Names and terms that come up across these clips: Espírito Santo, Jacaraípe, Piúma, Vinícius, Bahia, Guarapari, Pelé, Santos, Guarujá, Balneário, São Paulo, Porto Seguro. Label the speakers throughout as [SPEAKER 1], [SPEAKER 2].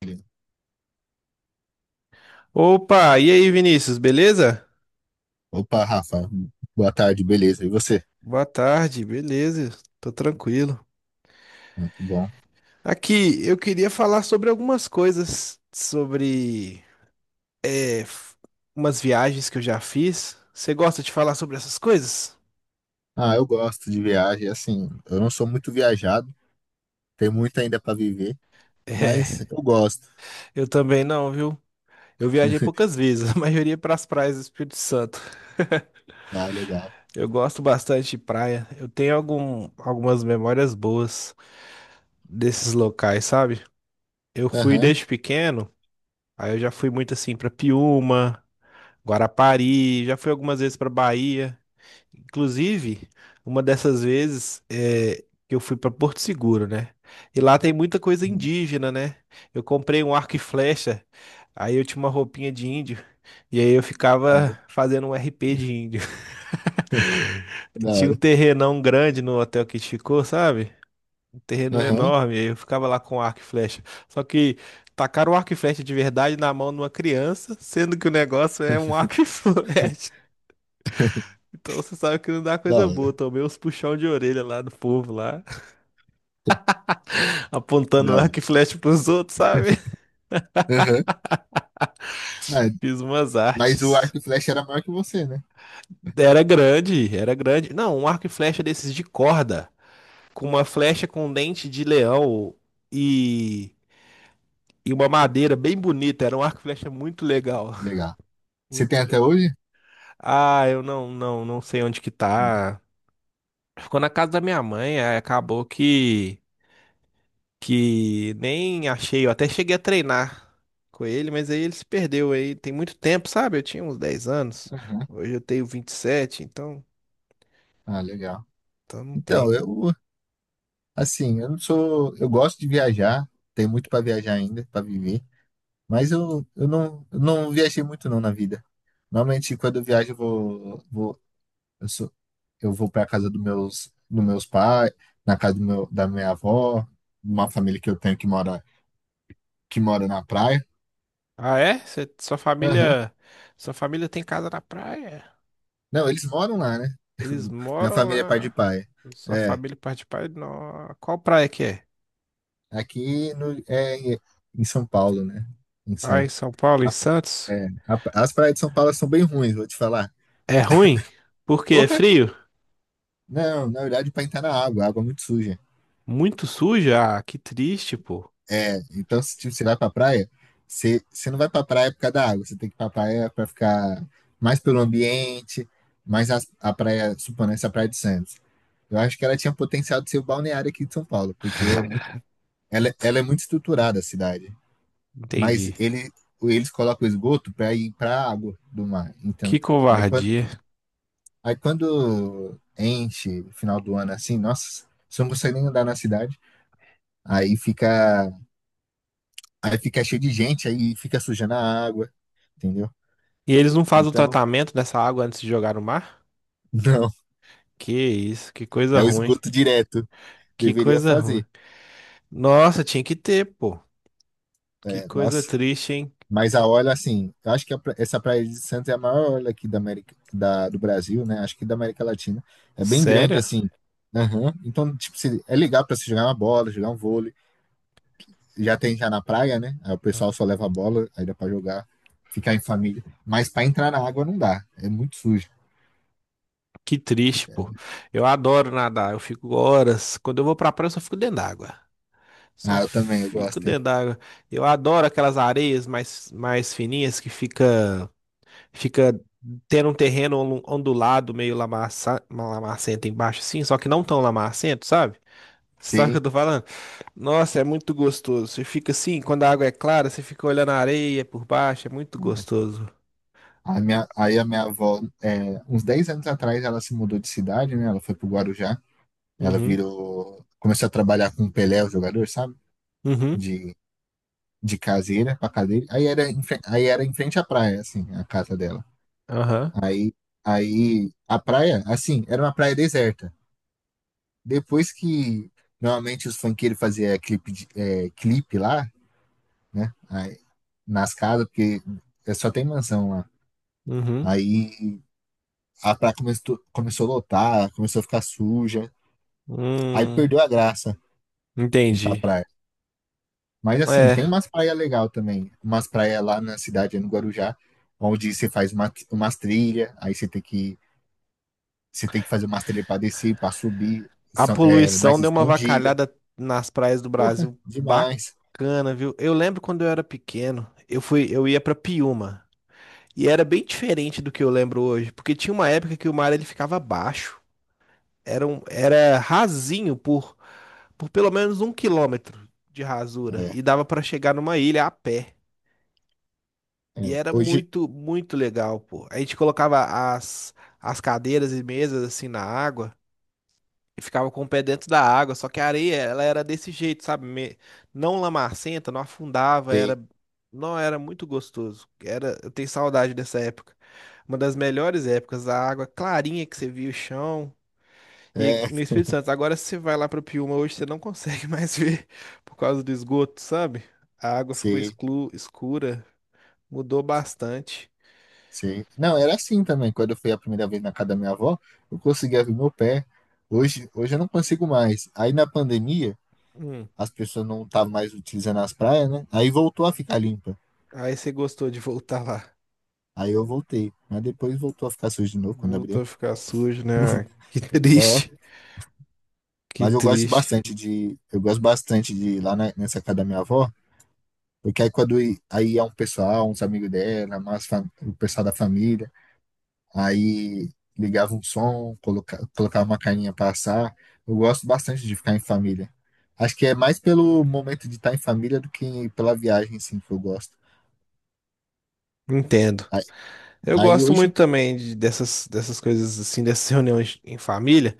[SPEAKER 1] Beleza.
[SPEAKER 2] Opa, e aí, Vinícius, beleza?
[SPEAKER 1] Opa, Rafa, boa tarde, beleza. E você?
[SPEAKER 2] Boa tarde, beleza, tô tranquilo.
[SPEAKER 1] Ah, que bom.
[SPEAKER 2] Aqui, eu queria falar sobre algumas coisas, sobre é, f- umas viagens que eu já fiz. Você gosta de falar sobre essas coisas?
[SPEAKER 1] Ah, eu gosto de viagem, assim, eu não sou muito viajado, tem muito ainda para viver, mas
[SPEAKER 2] É,
[SPEAKER 1] eu gosto.
[SPEAKER 2] eu também não, viu? Eu viajei poucas vezes, a maioria é para as praias do Espírito Santo.
[SPEAKER 1] Ah, legal.
[SPEAKER 2] Eu gosto bastante de praia, eu tenho algumas memórias boas desses locais, sabe? Eu fui
[SPEAKER 1] Aham.
[SPEAKER 2] desde pequeno, aí eu já fui muito assim para Piúma. Guarapari, já fui algumas vezes para Bahia. Inclusive, uma dessas vezes que eu fui para Porto Seguro, né? E lá tem muita coisa
[SPEAKER 1] Uhum.
[SPEAKER 2] indígena, né? Eu comprei um arco e flecha, aí eu tinha uma roupinha de índio, e aí eu
[SPEAKER 1] Da hora.
[SPEAKER 2] ficava fazendo um RP de índio. Tinha um terrenão grande no hotel que a gente ficou, sabe? Um
[SPEAKER 1] Da
[SPEAKER 2] terreno
[SPEAKER 1] hora. Aham.
[SPEAKER 2] enorme, aí eu ficava lá com arco e flecha. Só que tacaram o arco e flecha de verdade na mão de uma criança, sendo que o negócio é um arco e flecha. Então você sabe que não dá
[SPEAKER 1] Da
[SPEAKER 2] coisa boa.
[SPEAKER 1] hora.
[SPEAKER 2] Tomei uns puxão de orelha lá do povo lá, apontando
[SPEAKER 1] Da hora.
[SPEAKER 2] arco e flecha pros outros, sabe?
[SPEAKER 1] Aham. Ah,
[SPEAKER 2] Fiz umas
[SPEAKER 1] mas o
[SPEAKER 2] artes.
[SPEAKER 1] arco e flecha era maior que você, né?
[SPEAKER 2] Era grande, era grande. Não, um arco e flecha desses de corda, com uma flecha com dente de leão e, e uma madeira bem bonita. Era um arco e flecha muito legal,
[SPEAKER 1] Legal. Você tem
[SPEAKER 2] muito
[SPEAKER 1] até
[SPEAKER 2] legal.
[SPEAKER 1] hoje?
[SPEAKER 2] Ah, eu não sei onde que
[SPEAKER 1] Não.
[SPEAKER 2] tá. Ficou na casa da minha mãe, aí acabou que nem achei, eu até cheguei a treinar com ele, mas aí ele se perdeu aí, tem muito tempo, sabe? Eu tinha uns 10 anos,
[SPEAKER 1] Aham.
[SPEAKER 2] hoje eu tenho 27. então,
[SPEAKER 1] Ah, legal.
[SPEAKER 2] então não
[SPEAKER 1] Então,
[SPEAKER 2] tem.
[SPEAKER 1] eu, assim, eu não sou. Eu gosto de viajar, tem muito para viajar ainda, para viver. Mas eu não viajei muito não na vida. Normalmente quando eu viajo eu vou, vou eu sou, eu vou para casa dos meus pais, na casa do meu, da minha avó, uma família que eu tenho que mora na praia.
[SPEAKER 2] Ah, é? Sua
[SPEAKER 1] Aham.
[SPEAKER 2] família, sua família tem casa na praia?
[SPEAKER 1] Não, eles moram lá, né?
[SPEAKER 2] Eles
[SPEAKER 1] Minha
[SPEAKER 2] moram
[SPEAKER 1] família é pai de
[SPEAKER 2] lá.
[SPEAKER 1] pai.
[SPEAKER 2] Sua
[SPEAKER 1] É,
[SPEAKER 2] família parte de pai? Não. Qual praia que é?
[SPEAKER 1] aqui no, é em São Paulo, né? Em
[SPEAKER 2] Ah, em
[SPEAKER 1] Santos.
[SPEAKER 2] São Paulo, em
[SPEAKER 1] A-
[SPEAKER 2] Santos?
[SPEAKER 1] as praias de São Paulo são bem ruins, vou te falar.
[SPEAKER 2] É ruim? Porque é
[SPEAKER 1] Porra!
[SPEAKER 2] frio?
[SPEAKER 1] Não, na verdade, para entrar na água, a água é muito suja.
[SPEAKER 2] Muito suja? Ah, que triste, pô.
[SPEAKER 1] É, então se tipo, você vai pra praia, você não vai pra praia por causa da água, você tem que ir pra praia pra ficar mais pelo ambiente, mais a praia, supondo essa praia de Santos. Eu acho que ela tinha potencial de ser o balneário aqui de São Paulo, porque é muito, ela é muito estruturada a cidade. Mas
[SPEAKER 2] Entendi.
[SPEAKER 1] ele, eles colocam o esgoto para ir para a água do mar.
[SPEAKER 2] Que
[SPEAKER 1] Então, aí quando,
[SPEAKER 2] covardia.
[SPEAKER 1] aí quando enche final do ano assim, nossa, você não consegue nem andar na cidade. Aí fica Aí fica cheio de gente, aí fica sujando a água, entendeu?
[SPEAKER 2] E eles não fazem o
[SPEAKER 1] Então,
[SPEAKER 2] tratamento dessa água antes de jogar no mar?
[SPEAKER 1] não,
[SPEAKER 2] Que isso, que coisa
[SPEAKER 1] é o
[SPEAKER 2] ruim.
[SPEAKER 1] esgoto direto.
[SPEAKER 2] Que
[SPEAKER 1] Deveria
[SPEAKER 2] coisa ruim.
[SPEAKER 1] fazer.
[SPEAKER 2] Nossa, tinha que ter, pô. Que
[SPEAKER 1] É,
[SPEAKER 2] coisa
[SPEAKER 1] nossa.
[SPEAKER 2] triste, hein?
[SPEAKER 1] Mas a orla, assim, eu acho que essa praia de Santos é a maior orla aqui da América, do Brasil, né? Acho que da América Latina. É bem grande,
[SPEAKER 2] Sério?
[SPEAKER 1] assim. Aham. Então, tipo, é legal pra se jogar uma bola, jogar um vôlei. Já tem já na praia, né? Aí o pessoal só leva a bola, aí dá pra jogar, ficar em família. Mas pra entrar na água não dá, é muito sujo.
[SPEAKER 2] Que triste, pô. Eu adoro nadar, eu fico horas. Quando eu vou pra praia, eu só fico dentro d'água. Só
[SPEAKER 1] Ah, eu também, eu
[SPEAKER 2] fico
[SPEAKER 1] gosto, hein?
[SPEAKER 2] dentro d'água. Eu adoro aquelas areias mais fininhas que fica tendo um terreno ondulado, meio lamacento embaixo, assim, só que não tão lamacento, sabe? Você sabe o que
[SPEAKER 1] Sim.
[SPEAKER 2] eu tô falando? Nossa, é muito gostoso. Você fica assim, quando a água é clara, você fica olhando a areia por baixo, é muito gostoso.
[SPEAKER 1] A minha avó, é, uns 10 anos atrás, ela se mudou de cidade, né? Ela foi pro Guarujá. Ela
[SPEAKER 2] Uhum,
[SPEAKER 1] virou. Começou a trabalhar com o Pelé, o jogador, sabe?
[SPEAKER 2] uhum,
[SPEAKER 1] De, de caseira pra cadeira. Aí era, em frente à praia, assim, a casa dela.
[SPEAKER 2] aham,
[SPEAKER 1] Aí, aí a praia, assim, era uma praia deserta. Depois que normalmente os funkeiros faziam clipe, clipe lá, né? Aí, nas casas, porque é só tem mansão lá.
[SPEAKER 2] uhum,
[SPEAKER 1] Aí a praia começou a lotar, começou a ficar suja. Aí
[SPEAKER 2] hum,
[SPEAKER 1] perdeu a graça de ir pra
[SPEAKER 2] entendi.
[SPEAKER 1] praia. Mas assim,
[SPEAKER 2] É,
[SPEAKER 1] tem umas praias legal também. Umas praias lá na cidade, no Guarujá, onde você faz umas trilhas, aí você tem que fazer umas trilhas pra descer, pra subir,
[SPEAKER 2] a
[SPEAKER 1] são, mais
[SPEAKER 2] poluição deu uma
[SPEAKER 1] escondida.
[SPEAKER 2] avacalhada nas praias do
[SPEAKER 1] Porra,
[SPEAKER 2] Brasil.
[SPEAKER 1] demais.
[SPEAKER 2] Bacana, viu? Eu lembro quando eu era pequeno, eu ia pra Piúma. E era bem diferente do que eu lembro hoje, porque tinha uma época que o mar ele ficava baixo. Era rasinho por pelo menos 1 quilômetro de rasura.
[SPEAKER 1] É,
[SPEAKER 2] E dava pra chegar numa ilha a pé. E
[SPEAKER 1] é.
[SPEAKER 2] era
[SPEAKER 1] Hoje
[SPEAKER 2] muito, muito legal, pô. A gente colocava as, as cadeiras e mesas assim na água e ficava com o pé dentro da água. Só que a areia, ela era desse jeito, sabe? Não lamacenta, não afundava,
[SPEAKER 1] tem.
[SPEAKER 2] era. Não, era muito gostoso. Era, eu tenho saudade dessa época. Uma das melhores épocas, a água clarinha que você via o chão. E
[SPEAKER 1] É,
[SPEAKER 2] no Espírito Santo, agora se você vai lá para Piúma hoje, você não consegue mais ver por causa do esgoto, sabe? A água ficou
[SPEAKER 1] sei,
[SPEAKER 2] escura, mudou bastante.
[SPEAKER 1] sei. Não, era assim também. Quando eu fui a primeira vez na casa da minha avó, eu conseguia ver meu pé. Hoje eu não consigo mais. Aí na pandemia,
[SPEAKER 2] Hum,
[SPEAKER 1] as pessoas não estavam mais utilizando as praias, né? Aí voltou a ficar limpa.
[SPEAKER 2] Aí você gostou de voltar lá.
[SPEAKER 1] Aí eu voltei, mas depois voltou a ficar sujo de novo quando abriu.
[SPEAKER 2] Voltou a ficar sujo, né? Que triste,
[SPEAKER 1] É,
[SPEAKER 2] que
[SPEAKER 1] mas eu gosto
[SPEAKER 2] triste.
[SPEAKER 1] bastante de, eu gosto bastante de ir lá nessa casa da minha avó, porque aí quando aí é um pessoal, uns amigos dela, mais o pessoal da família, aí ligava um som, colocava uma carninha pra assar. Eu gosto bastante de ficar em família. Acho que é mais pelo momento de estar em família do que pela viagem, sim, que eu gosto.
[SPEAKER 2] Entendo.
[SPEAKER 1] Aí,
[SPEAKER 2] Eu
[SPEAKER 1] aí
[SPEAKER 2] gosto
[SPEAKER 1] hoje,
[SPEAKER 2] muito também dessas coisas assim, dessas reuniões em família,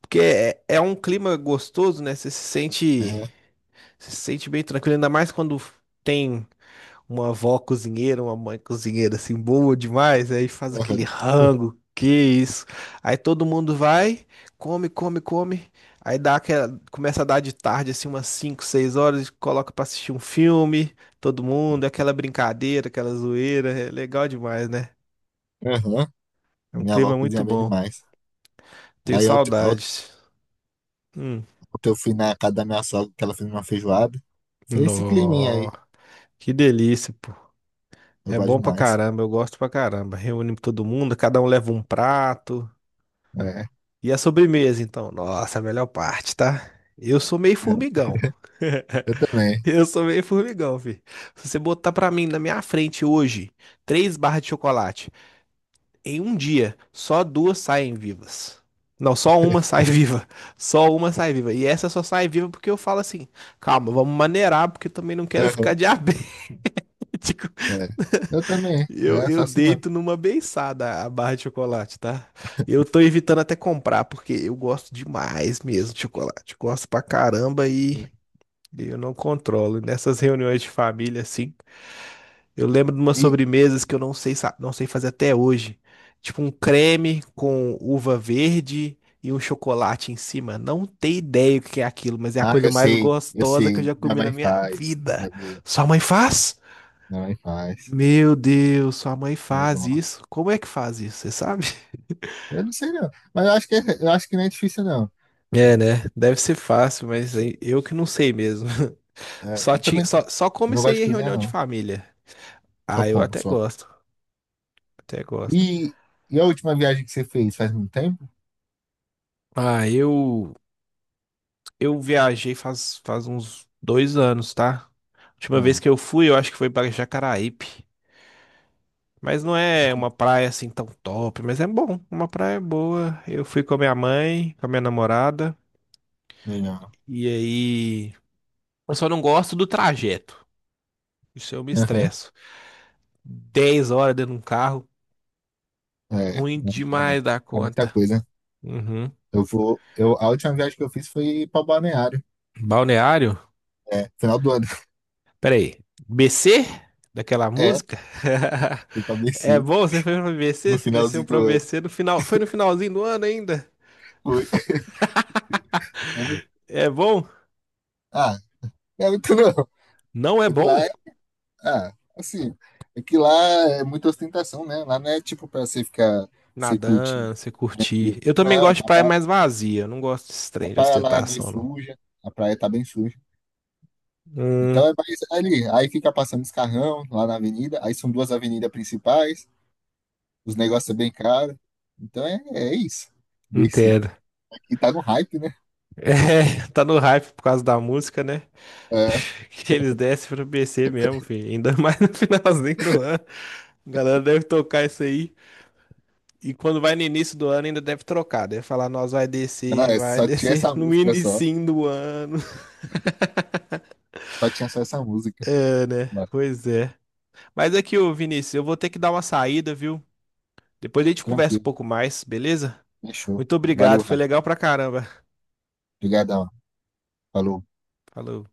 [SPEAKER 2] porque é um clima gostoso, né? Você se sente,
[SPEAKER 1] é,
[SPEAKER 2] você se sente bem tranquilo, ainda mais quando tem. Uma avó cozinheira, uma mãe cozinheira assim, boa demais, aí faz aquele
[SPEAKER 1] aham.
[SPEAKER 2] rango, que isso. Aí todo mundo vai, come, come, come. Aí dá aquela, começa a dar de tarde, assim, umas 5 6 horas, coloca pra assistir um filme, todo mundo, aquela brincadeira, aquela zoeira, é legal demais, né?
[SPEAKER 1] Aham.
[SPEAKER 2] É um
[SPEAKER 1] Minha avó
[SPEAKER 2] clima muito
[SPEAKER 1] cozinha bem
[SPEAKER 2] bom.
[SPEAKER 1] demais.
[SPEAKER 2] Tenho
[SPEAKER 1] Aí ontem
[SPEAKER 2] saudades. Hum.
[SPEAKER 1] eu fui na casa da minha sogra, que ela fez uma feijoada. Foi esse climinha
[SPEAKER 2] Nó,
[SPEAKER 1] aí.
[SPEAKER 2] que delícia, pô.
[SPEAKER 1] Eu
[SPEAKER 2] É
[SPEAKER 1] gosto
[SPEAKER 2] bom pra
[SPEAKER 1] demais.
[SPEAKER 2] caramba, eu gosto pra caramba. Reúne todo mundo, cada um leva um prato.
[SPEAKER 1] É, é.
[SPEAKER 2] E a sobremesa, então? Nossa, a melhor parte, tá? Eu sou meio formigão.
[SPEAKER 1] Eu também.
[SPEAKER 2] Eu sou meio formigão, filho. Se você botar pra mim na minha frente hoje três barras de chocolate, em um dia, só duas saem vivas. Não, só uma sai viva. Só uma sai viva. E essa só sai viva porque eu falo assim: calma, vamos maneirar, porque eu também não quero ficar
[SPEAKER 1] Aham,
[SPEAKER 2] diabético.
[SPEAKER 1] é. Eu também.
[SPEAKER 2] Eu,
[SPEAKER 1] É
[SPEAKER 2] eu
[SPEAKER 1] só assim mesmo.
[SPEAKER 2] deito numa beiçada a barra de chocolate, tá? Eu tô evitando até comprar, porque eu gosto demais mesmo de chocolate. Gosto pra caramba e eu não controlo. Nessas reuniões de família, assim, eu lembro de umas
[SPEAKER 1] E,
[SPEAKER 2] sobremesas que eu não sei, não sei fazer até hoje. Tipo um creme com uva verde e um chocolate em cima. Não tenho ideia o que é aquilo, mas é a
[SPEAKER 1] ah,
[SPEAKER 2] coisa
[SPEAKER 1] eu
[SPEAKER 2] mais
[SPEAKER 1] sei, eu
[SPEAKER 2] gostosa que eu
[SPEAKER 1] sei.
[SPEAKER 2] já
[SPEAKER 1] Minha
[SPEAKER 2] comi na
[SPEAKER 1] mãe
[SPEAKER 2] minha
[SPEAKER 1] faz.
[SPEAKER 2] vida.
[SPEAKER 1] É boa.
[SPEAKER 2] Sua mãe faz?
[SPEAKER 1] Minha mãe faz.
[SPEAKER 2] Meu Deus, sua mãe
[SPEAKER 1] É
[SPEAKER 2] faz
[SPEAKER 1] bom.
[SPEAKER 2] isso? Como é que faz isso? Você sabe?
[SPEAKER 1] Eu não sei não. Mas eu acho que não é difícil não.
[SPEAKER 2] É, né? Deve ser fácil, mas aí eu que não sei mesmo.
[SPEAKER 1] É,
[SPEAKER 2] Só
[SPEAKER 1] eu
[SPEAKER 2] tinha,
[SPEAKER 1] também
[SPEAKER 2] só, só
[SPEAKER 1] eu não gosto
[SPEAKER 2] comecei
[SPEAKER 1] de
[SPEAKER 2] em
[SPEAKER 1] cozinhar
[SPEAKER 2] reunião de
[SPEAKER 1] não.
[SPEAKER 2] família.
[SPEAKER 1] Só
[SPEAKER 2] Ah, eu
[SPEAKER 1] como,
[SPEAKER 2] até
[SPEAKER 1] só.
[SPEAKER 2] gosto, até gosto.
[SPEAKER 1] E, e a última viagem que você fez faz muito tempo?
[SPEAKER 2] Ah, eu viajei faz uns 2 anos, tá? Última vez
[SPEAKER 1] Ah.
[SPEAKER 2] que eu fui, eu acho que foi para Jacaraípe. Mas não é uma praia assim tão top, mas é bom, uma praia boa. Eu fui com a minha mãe, com a minha namorada,
[SPEAKER 1] Legal.
[SPEAKER 2] e aí eu só não gosto do trajeto. Isso eu me
[SPEAKER 1] Aham.
[SPEAKER 2] estresso. 10 horas dentro de um carro,
[SPEAKER 1] É,
[SPEAKER 2] ruim
[SPEAKER 1] é
[SPEAKER 2] demais da
[SPEAKER 1] é muita
[SPEAKER 2] conta.
[SPEAKER 1] coisa.
[SPEAKER 2] Uhum.
[SPEAKER 1] Eu vou. Eu, a última viagem que eu fiz foi para Balneário.
[SPEAKER 2] Balneário?
[SPEAKER 1] É, final do ano.
[SPEAKER 2] Peraí. BC? Daquela
[SPEAKER 1] É,
[SPEAKER 2] música?
[SPEAKER 1] fui pra
[SPEAKER 2] É
[SPEAKER 1] Mercy
[SPEAKER 2] bom? Você foi pra
[SPEAKER 1] no
[SPEAKER 2] BC? Você desceu
[SPEAKER 1] finalzinho do
[SPEAKER 2] pra
[SPEAKER 1] ano.
[SPEAKER 2] BC no final. Foi no finalzinho do ano ainda?
[SPEAKER 1] Foi.
[SPEAKER 2] É bom?
[SPEAKER 1] Ah, não é muito não.
[SPEAKER 2] Não é
[SPEAKER 1] É que lá
[SPEAKER 2] bom?
[SPEAKER 1] é. Ah, assim. É que lá é muita ostentação, né? Lá não é tipo pra você ficar, você curtir
[SPEAKER 2] Nadando, você curtir.
[SPEAKER 1] tranquilo.
[SPEAKER 2] Eu também
[SPEAKER 1] Não, a,
[SPEAKER 2] gosto de praia mais vazia. Eu não gosto desse
[SPEAKER 1] a
[SPEAKER 2] trem de
[SPEAKER 1] praia lá é meio
[SPEAKER 2] ostentação, não.
[SPEAKER 1] suja, a praia tá bem suja. Então
[SPEAKER 2] Hum,
[SPEAKER 1] é mais ali. Aí fica passando os carrão lá na avenida. Aí são duas avenidas principais. Os negócios é bem caro. Então é, é isso. Desse.
[SPEAKER 2] Entendo.
[SPEAKER 1] Aqui tá no hype, né?
[SPEAKER 2] É, tá no hype por causa da música, né?
[SPEAKER 1] É,
[SPEAKER 2] Que eles descem pro BC mesmo, filho. Ainda mais no finalzinho do ano. A galera deve tocar isso aí. E quando vai no início do ano, ainda deve trocar. Deve falar, nós
[SPEAKER 1] não, é,
[SPEAKER 2] vai
[SPEAKER 1] só tinha
[SPEAKER 2] descer
[SPEAKER 1] essa
[SPEAKER 2] no
[SPEAKER 1] música só.
[SPEAKER 2] inicinho do ano.
[SPEAKER 1] Só tinha só essa música.
[SPEAKER 2] É, né?
[SPEAKER 1] Mas,
[SPEAKER 2] Pois é. Mas aqui, ô Vinícius, eu vou ter que dar uma saída, viu? Depois a gente conversa um
[SPEAKER 1] tranquilo.
[SPEAKER 2] pouco mais, beleza?
[SPEAKER 1] Fechou.
[SPEAKER 2] Muito obrigado,
[SPEAKER 1] Valeu,
[SPEAKER 2] foi
[SPEAKER 1] Rafa.
[SPEAKER 2] legal pra caramba.
[SPEAKER 1] Obrigadão. Falou.
[SPEAKER 2] Falou.